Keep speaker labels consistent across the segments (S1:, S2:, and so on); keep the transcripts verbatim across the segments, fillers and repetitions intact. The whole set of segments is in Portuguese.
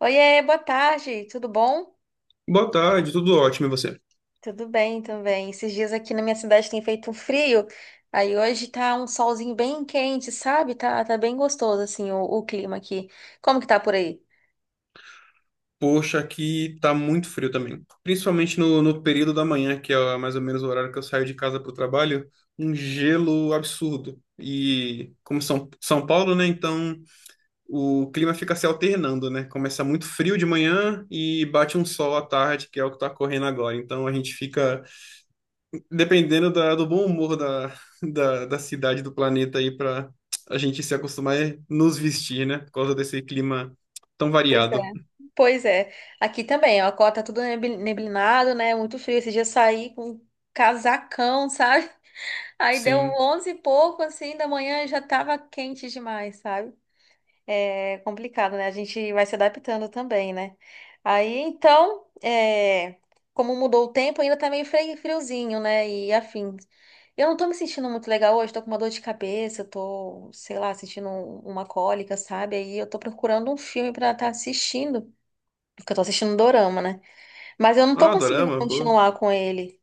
S1: Oiê, boa tarde, tudo bom?
S2: Boa tarde, tudo ótimo e você?
S1: Tudo bem também. Esses dias aqui na minha cidade tem feito um frio, aí hoje tá um solzinho bem quente, sabe? Tá, tá bem gostoso, assim, o, o clima aqui. Como que tá por aí?
S2: Poxa, aqui tá muito frio também. Principalmente no, no período da manhã, que é mais ou menos o horário que eu saio de casa pro trabalho, um gelo absurdo. E como São, São Paulo, né? Então o clima fica se alternando, né? Começa muito frio de manhã e bate um sol à tarde, que é o que tá correndo agora. Então a gente fica dependendo da- do bom humor da, da, da cidade, do planeta aí, pra a gente se acostumar a nos vestir, né? Por causa desse clima tão
S1: Pois é.
S2: variado.
S1: Pois é. Aqui também, ó, tá tudo nebi- neblinado, né? Muito frio. Esse dia eu saí com um casacão, sabe? Aí deu um
S2: Sim.
S1: onze e pouco, assim, da manhã e já tava quente demais, sabe? É complicado, né? A gente vai se adaptando também, né? Aí, então, é, como mudou o tempo, ainda tá meio fre- friozinho, né? E afim, eu não tô me sentindo muito legal hoje, tô com uma dor de cabeça, tô, sei lá, sentindo um- uma cólica, sabe? Aí eu tô procurando um filme pra estar assistindo, porque eu tô assistindo um dorama, né? Mas eu não tô
S2: Ah,
S1: conseguindo
S2: dorama, pô.
S1: continuar com ele.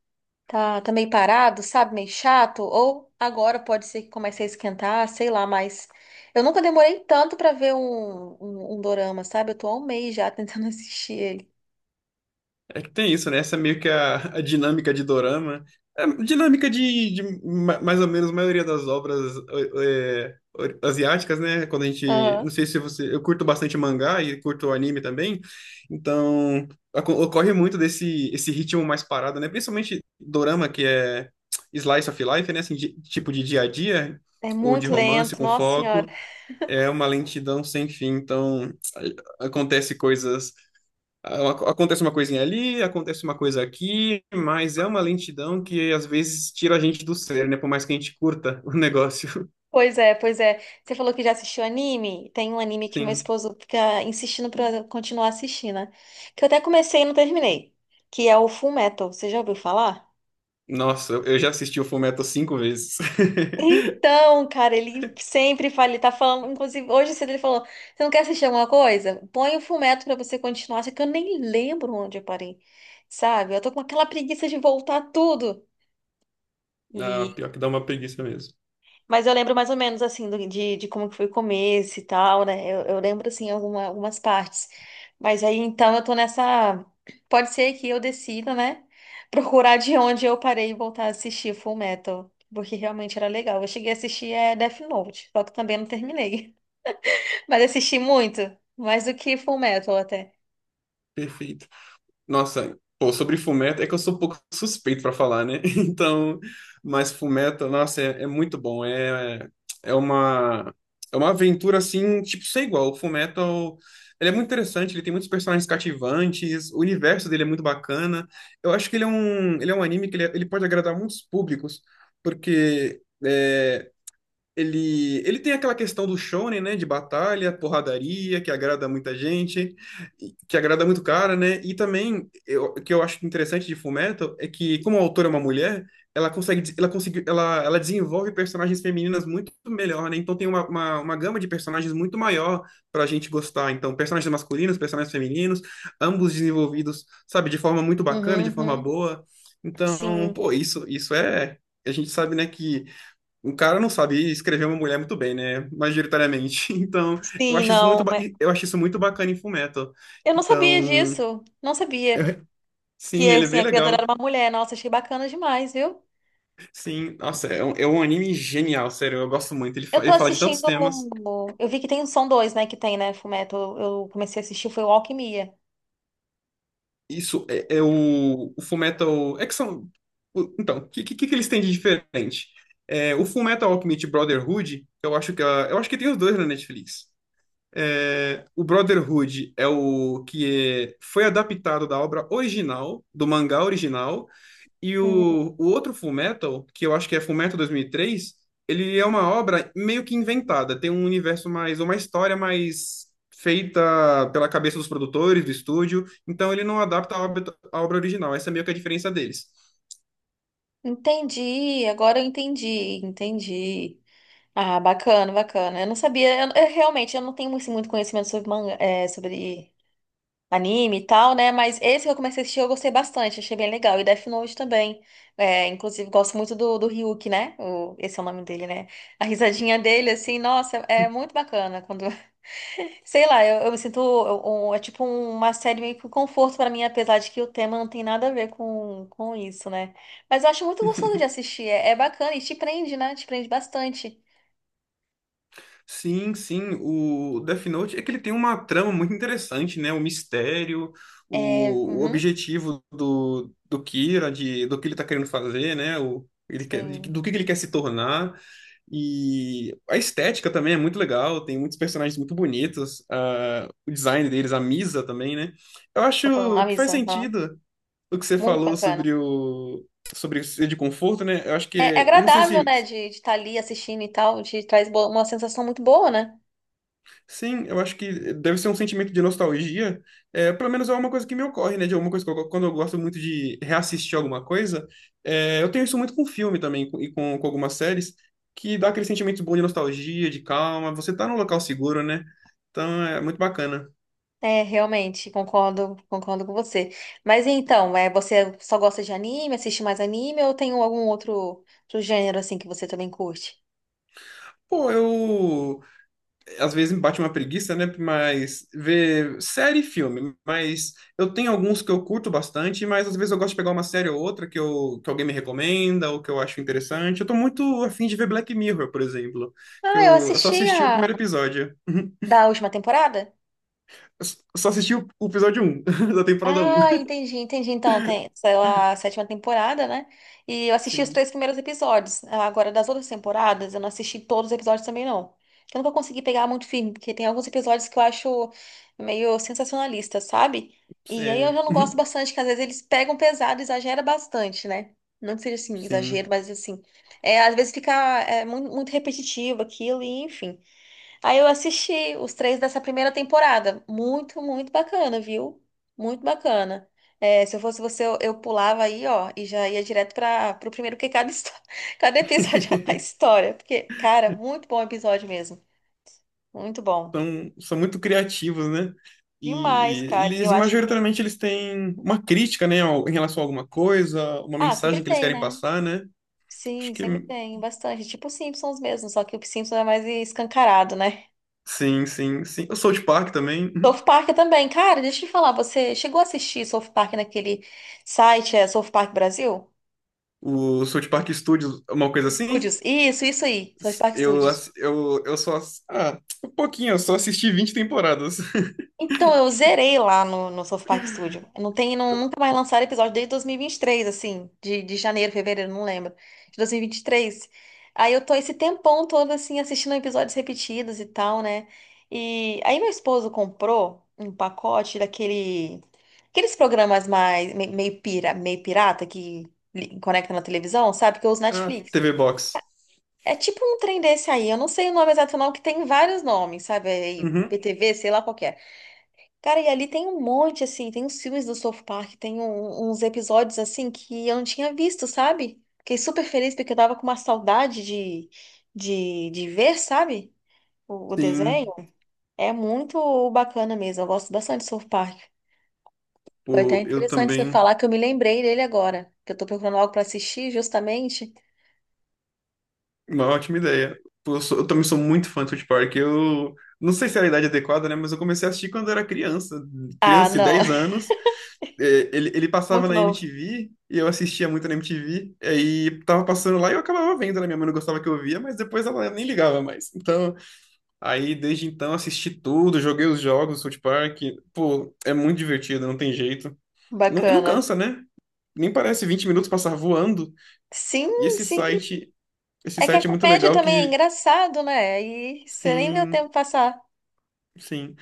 S1: Tá, tá meio parado, sabe? Meio chato. Ou agora pode ser que comece a esquentar, sei lá, mas eu nunca demorei tanto pra ver um, um, um dorama, sabe? Eu tô há um mês já tentando assistir ele.
S2: É que tem isso, né? Essa é meio que a, a dinâmica de dorama. É, dinâmica de, de ma- mais ou menos a maioria das obras é, é, asiáticas, né? Quando a gente. Não
S1: Aham.
S2: sei se você. Eu curto bastante mangá e curto anime também. Então, aco- ocorre muito desse esse ritmo mais parado, né? Principalmente dorama, que é slice of life, né? Assim, de- tipo de dia a dia,
S1: É
S2: ou de
S1: muito
S2: romance
S1: lento,
S2: com
S1: nossa senhora.
S2: foco. É uma lentidão sem fim. Então acontece coisas a- acontece uma coisinha ali, acontece uma coisa aqui, mas é uma lentidão que às vezes tira a gente do sério, né? Por mais que a gente curta o negócio.
S1: Pois é, pois é. Você falou que já assistiu anime? Tem um anime que meu
S2: Sim.
S1: esposo fica insistindo pra eu continuar assistindo, né? Que eu até comecei e não terminei. Que é o Full Metal. Você já ouviu falar?
S2: Nossa, eu eu já assisti o Fullmetal cinco vezes.
S1: Então, cara, ele sempre fala, ele tá falando, inclusive hoje cedo ele falou, você não quer assistir alguma coisa? Põe o Fullmetal pra você continuar, só que eu nem lembro onde eu parei, sabe? Eu tô com aquela preguiça de voltar tudo.
S2: Ah, pior que dá uma preguiça mesmo.
S1: Mas eu lembro mais ou menos assim do- de, de como que foi o começo e tal, né? Eu, eu lembro assim alguma- algumas partes. Mas aí então eu tô nessa. Pode ser que eu decida, né? Procurar de onde eu parei e voltar a assistir Full Metal. Porque realmente era legal. Eu cheguei a assistir é, Death Note, só que também não terminei. Mas assisti muito, mais do que Full Metal até.
S2: Perfeito. Nossa, pô, sobre Fullmetal, é que eu sou um pouco suspeito pra falar, né? Então, mas Fullmetal, nossa, é, é muito bom. É, é uma, é uma aventura assim, tipo, sem igual. O Fullmetal, ele é muito interessante, ele tem muitos personagens cativantes, o universo dele é muito bacana. Eu acho que ele é um, ele é um anime que ele, é, ele pode agradar muitos públicos, porque, é, ele, ele tem aquela questão do shonen, né, de batalha, porradaria, que agrada muita gente, e- que agrada muito cara, né? E também, eu- o que eu acho interessante de Fullmetal é que, como a autora é uma mulher, ela consegue, des- ela conseguiu, ela, ela desenvolve personagens femininas muito melhor, né? Então tem uma, uma, uma gama de personagens muito maior pra gente gostar. Então, personagens masculinos, personagens femininos, ambos desenvolvidos, sabe, de forma muito bacana, de
S1: Uhum,
S2: forma
S1: uhum.
S2: boa. Então,
S1: Sim.
S2: pô, isso, isso é, a gente sabe, né, que o cara não sabe escrever uma mulher muito bem, né? Majoritariamente. Então, eu-
S1: Sim,
S2: acho isso
S1: não.
S2: muito, ba-
S1: é-
S2: eu acho isso muito bacana em Fullmetal.
S1: Eu não sabia
S2: Então,
S1: disso. Não sabia
S2: eu-
S1: que
S2: sim, ele é
S1: assim,
S2: bem
S1: a criadora era
S2: legal.
S1: uma mulher. Nossa, achei bacana demais, viu?
S2: Sim, nossa, é um, é um anime genial, sério, eu gosto muito. Ele,
S1: Eu
S2: fa-
S1: tô
S2: ele fala de tantos
S1: assistindo.
S2: temas.
S1: Eu vi que tem são dois, né? Que tem, né? Fullmetal. Eu comecei a assistir, foi o Alquimia.
S2: Isso é, é o, o Fullmetal. É que são. o- Então, o que, que, que eles têm de diferente? É, o Fullmetal Alchemist Brotherhood, eu acho que, a- eu acho que tem os dois na Netflix. É, o Brotherhood é o que é- foi adaptado da obra original, do mangá original, e
S1: Hum,
S2: o, o outro Fullmetal, que eu acho que é Fullmetal dois mil e três, ele é uma obra meio que inventada, tem um universo mais, uma história mais feita pela cabeça dos produtores, do estúdio, então ele não adapta a obra, a obra original, essa é meio que a diferença deles.
S1: Entendi, agora eu entendi, entendi. Ah, bacana, bacana. Eu não sabia, eu, eu realmente eu não tenho assim, muito conhecimento sobre manga, é, sobre anime e tal, né? Mas esse que eu comecei a assistir eu gostei bastante, achei bem legal. E Death Note também. É, inclusive, gosto muito do, do Ryuk, né? O, esse é o nome dele, né? A risadinha dele, assim, nossa, é muito bacana. Quando, sei lá, eu, eu me sinto. eu- um- é tipo uma série meio que um conforto pra mim, apesar de que o tema não tem nada a ver com, com isso, né? Mas eu acho muito gostoso de assistir, é, é bacana e te prende, né? Te prende bastante.
S2: Sim, sim, o Death Note é que ele tem uma trama muito interessante, né? O mistério,
S1: É,
S2: o, o
S1: uhum,
S2: objetivo do, do Kira, de, do que ele tá querendo fazer, né? O, ele quer, de-
S1: sim.
S2: do que que ele quer se tornar. E a estética também é muito legal, tem muitos personagens muito bonitos, ah, o design deles, a Misa também, né? Eu
S1: Tá falando,
S2: acho que faz
S1: Avisa, aham.
S2: sentido o que você
S1: Muito
S2: falou
S1: bacana.
S2: sobre o sobre ser de conforto, né? Eu acho
S1: É, é
S2: que, não sei
S1: agradável,
S2: se.
S1: né, de estar ali assistindo e tal, te traz bo- uma sensação muito boa, né?
S2: Sim, eu acho que deve ser um sentimento de nostalgia. É, pelo menos é uma coisa que me ocorre, né? De alguma coisa que eu- quando eu gosto muito de reassistir alguma coisa, é, eu tenho isso muito com filme também com- e com, com algumas séries, que dá aquele sentimento bom de nostalgia, de calma. Você tá num local seguro, né? Então é muito bacana.
S1: É, realmente, concordo, concordo com você. Mas então, é, você só gosta de anime, assiste mais anime ou tem algum outro, outro gênero assim que você também curte?
S2: Pô, eu às vezes me bate uma preguiça, né? Mas ver série e filme. Mas eu tenho alguns que eu curto bastante, mas às vezes eu gosto de pegar uma série ou outra que, eu, que alguém me recomenda ou que eu acho interessante. Eu tô muito afim de ver Black Mirror, por exemplo, que
S1: Ah, eu
S2: eu, eu só
S1: assisti
S2: assisti o
S1: a
S2: primeiro episódio.
S1: da última temporada.
S2: Eu s- só assisti o o episódio um da temporada um.
S1: Ah, entendi, entendi. Então, tem, saiu a sétima temporada, né? E eu assisti os
S2: Sim,
S1: três primeiros episódios. Ah, agora, das outras temporadas, eu não assisti todos os episódios também, não. Eu nunca consegui pegar muito firme, porque tem alguns episódios que eu acho meio sensacionalista, sabe? E aí eu
S2: é,
S1: já não gosto bastante, que às vezes eles pegam pesado, exagera bastante, né? Não que seja assim,
S2: sim.
S1: exagero, mas assim. É, às vezes fica é, muito, muito repetitivo aquilo, e enfim. Aí eu assisti os três dessa primeira temporada. Muito, muito bacana, viu? Muito bacana. É, se eu fosse você, eu, eu pulava aí, ó, e já ia direto para o primeiro, porque cada, histó- cada episódio é uma história. Porque, cara, muito bom episódio mesmo. Muito bom.
S2: são, são muito criativos, né?
S1: Demais,
S2: E
S1: cara. E eu
S2: eles,
S1: acho que.
S2: majoritariamente, eles têm uma crítica, né, ao- em relação a alguma coisa, uma
S1: Ah, sempre
S2: mensagem que eles
S1: tem,
S2: querem
S1: né?
S2: passar, né? Acho
S1: Sim,
S2: que
S1: sempre tem, bastante. Tipo os Simpsons mesmo, só que o Simpsons é mais escancarado, né?
S2: sim, sim, sim. O South Park também, uhum.
S1: South Park também. Cara, deixa eu te falar, você chegou a assistir South Park naquele site, é South Park Brasil?
S2: O South Park Studios, uma coisa assim.
S1: Studios. Isso, isso aí. South Park
S2: Eu,
S1: Studios.
S2: ass- eu, eu só. Ass- Ah, um pouquinho, eu só assisti vinte temporadas.
S1: Então, eu zerei lá no, no South Park Studio. Não tem, não, nunca mais lançaram episódio desde dois mil e vinte e três, assim, de, de janeiro, fevereiro, não lembro. De dois mil e vinte e três. Aí eu tô esse tempão todo, assim, assistindo episódios repetidos e tal, né? E aí meu esposo comprou um pacote daquele, aqueles programas mais, me- meio pira, meio pirata que li- conecta na televisão, sabe? Que eu uso
S2: Ah,
S1: Netflix.
S2: T V Box.
S1: É tipo um trem desse aí, eu não sei o nome exato não, que tem vários nomes, sabe? É Aí,
S2: Uhum,
S1: P T V, sei lá qual que é. Cara, e ali tem um monte, assim, tem uns filmes do South Park, tem um- uns episódios, assim, que eu não tinha visto, sabe? Fiquei super feliz porque eu tava com uma saudade de, de, de ver, sabe? O, o desenho.
S2: sim.
S1: É muito bacana mesmo, eu gosto bastante do South Park. Foi até
S2: Pô, eu
S1: interessante você
S2: também.
S1: falar que eu me lembrei dele agora, que eu tô procurando algo pra assistir justamente.
S2: Uma ótima ideia. Pô, Eu, sou- eu também sou muito fã de South Park. Eu não sei se era a idade adequada, né? Mas eu comecei a assistir quando eu era criança.
S1: Ah,
S2: Criança de
S1: não,
S2: dez anos. É, Ele, ele passava
S1: muito
S2: na
S1: novo,
S2: M T V e eu assistia muito na M T V. Aí tava passando lá e eu acabava vendo, né? Minha mãe não gostava que eu via, mas depois ela nem ligava mais. Então, aí desde então assisti tudo, joguei os jogos do South Park. Pô, é muito divertido, não tem jeito. Não, e não
S1: bacana.
S2: cansa, né? Nem parece vinte minutos passar voando.
S1: Sim,
S2: E esse site, esse
S1: é que a
S2: site é muito
S1: comédia
S2: legal
S1: também é
S2: que...
S1: engraçado, né? E você nem vê o tempo
S2: Sim.
S1: passar.
S2: Sim.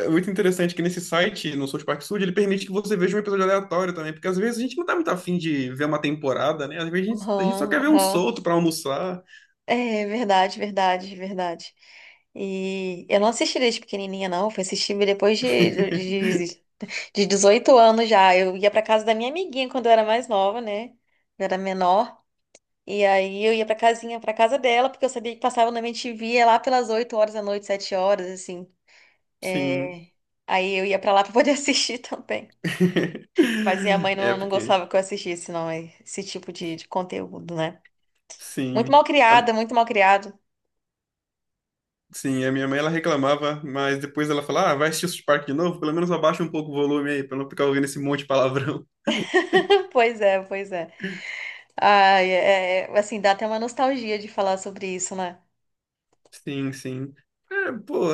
S2: É muito interessante que nesse site, no South Park Studio, ele permite que você veja um episódio aleatório também, porque às vezes a gente não tá muito afim de ver uma temporada, né? Às vezes a gente, a gente
S1: Aham,
S2: só quer ver um
S1: aham.
S2: solto pra almoçar.
S1: É verdade, verdade, verdade. E eu não assisti desde pequenininha, não. Fui assistir depois de, de, de dezoito anos já. Eu ia pra casa da minha amiguinha quando eu era mais nova, né? Eu era menor. E aí eu ia pra casinha, pra casa dela, porque eu sabia que passava na M T V é lá pelas oito horas da noite, sete horas, assim.
S2: Sim.
S1: É, Aí eu ia pra lá pra poder assistir também. Mas minha mãe
S2: É,
S1: não, não
S2: porque.
S1: gostava que eu assistisse, não, esse tipo de, de conteúdo, né? Muito
S2: Sim.
S1: mal
S2: A-
S1: criada, muito mal criado.
S2: sim, a minha mãe ela reclamava, mas depois ela falava, ah, vai assistir o South Park de novo? Pelo menos abaixa um pouco o volume aí, pra não ficar ouvindo esse monte de palavrão.
S1: Pois é, pois é. Ai, é, é, assim, dá até uma nostalgia de falar sobre isso, né?
S2: Sim, sim. É, pô,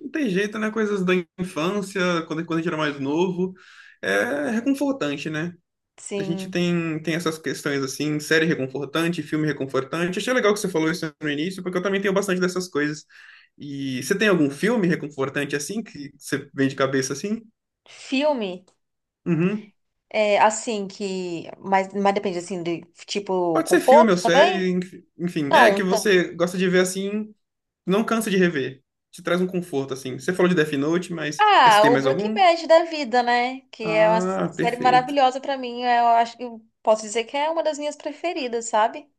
S2: não tem jeito, né? Coisas da infância, quando, quando a gente era mais novo, é reconfortante, né? A gente
S1: Sim.
S2: tem, tem essas questões assim, série reconfortante, filme reconfortante. Achei legal que você falou isso no início, porque eu também tenho bastante dessas coisas. E você tem algum filme reconfortante assim, que você vem de cabeça assim?
S1: Filme,
S2: Uhum.
S1: é, assim, que... Mas, mas depende, assim, de, tipo,
S2: Pode ser filme ou
S1: conforto
S2: série,
S1: também?
S2: enf- enfim, é
S1: Não,
S2: que
S1: então.
S2: você gosta de ver assim, não cansa de rever. Te traz um conforto, assim. Você falou de Death Note, mas mas você
S1: Ah,
S2: tem
S1: o
S2: mais
S1: Breaking
S2: algum?
S1: Bad da vida, né? Que é uma
S2: Ah,
S1: série
S2: perfeito.
S1: maravilhosa pra mim. é, Eu acho que... eu posso dizer que é uma das minhas preferidas, sabe?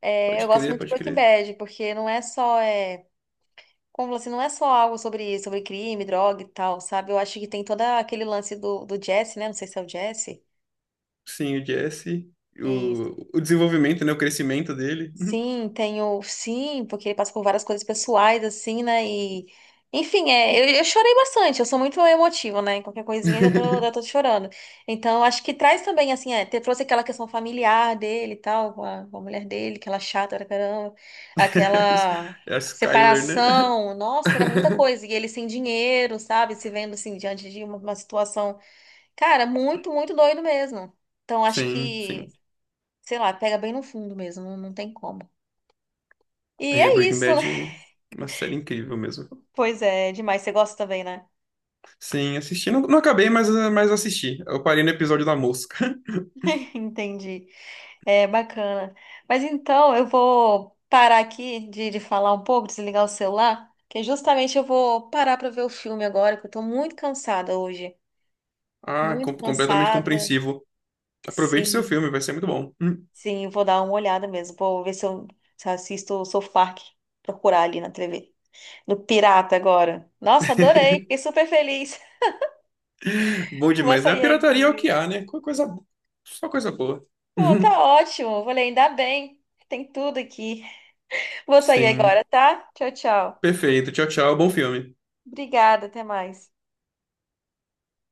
S1: É, eu
S2: Pode
S1: gosto
S2: crer,
S1: muito de
S2: pode
S1: Breaking
S2: crer.
S1: Bad, porque não é só... é, Como assim, não é só algo sobre, sobre crime, droga e tal, sabe? Eu acho que tem todo aquele lance do, do Jesse, né? Não sei se é o Jesse.
S2: Sim, o Jesse,
S1: Isso.
S2: o, o desenvolvimento, né? O crescimento dele. Uhum.
S1: Sim, tenho. Sim, porque ele passa por várias coisas pessoais, assim, né? E. Enfim, é, eu, eu chorei bastante, eu sou muito emotiva, né? Qualquer coisinha eu já tô, já tô chorando. Então, acho que traz também, assim, é, te- trouxe aquela questão familiar dele e tal, com a, com a mulher dele, aquela chata pra caramba, aquela
S2: É a Skyler, né?
S1: separação, nossa, era muita coisa. E ele sem dinheiro, sabe? Se vendo, assim, diante de uma uma situação, cara, muito, muito doido mesmo. Então, acho
S2: Sim,
S1: que,
S2: sim.
S1: sei lá, pega bem no fundo mesmo, não não tem como. E
S2: É,
S1: é
S2: Breaking
S1: isso, né?
S2: Bad é uma série incrível mesmo.
S1: Pois é, é demais. Você gosta também, né?
S2: Sim, assisti. Não, não acabei, mas, eh, mas assisti. Eu parei no episódio da mosca.
S1: Entendi. É bacana. Mas então, eu vou parar aqui de, de falar um pouco, desligar o celular, que justamente eu vou parar para ver o filme agora, que eu tô muito cansada hoje.
S2: Ah,
S1: Muito
S2: com- completamente
S1: cansada.
S2: compreensivo. Aproveite seu
S1: Sim,
S2: filme, vai ser muito bom.
S1: sim, eu vou dar uma olhada mesmo. Vou ver se eu, se eu assisto o South Park, procurar ali na T V. No Pirata agora. Nossa, adorei. Fiquei super feliz.
S2: Bom
S1: Vou
S2: demais, né? A
S1: sair
S2: pirataria
S1: aqui,
S2: é o que
S1: viu?
S2: há, né? Co- Coisa, só coisa boa.
S1: Pô, tá ótimo. Falei, ainda bem. Tem tudo aqui. Vou sair
S2: Sim.
S1: agora, tá? Tchau, tchau.
S2: Perfeito. Tchau, tchau. Bom filme.
S1: Obrigada, até mais.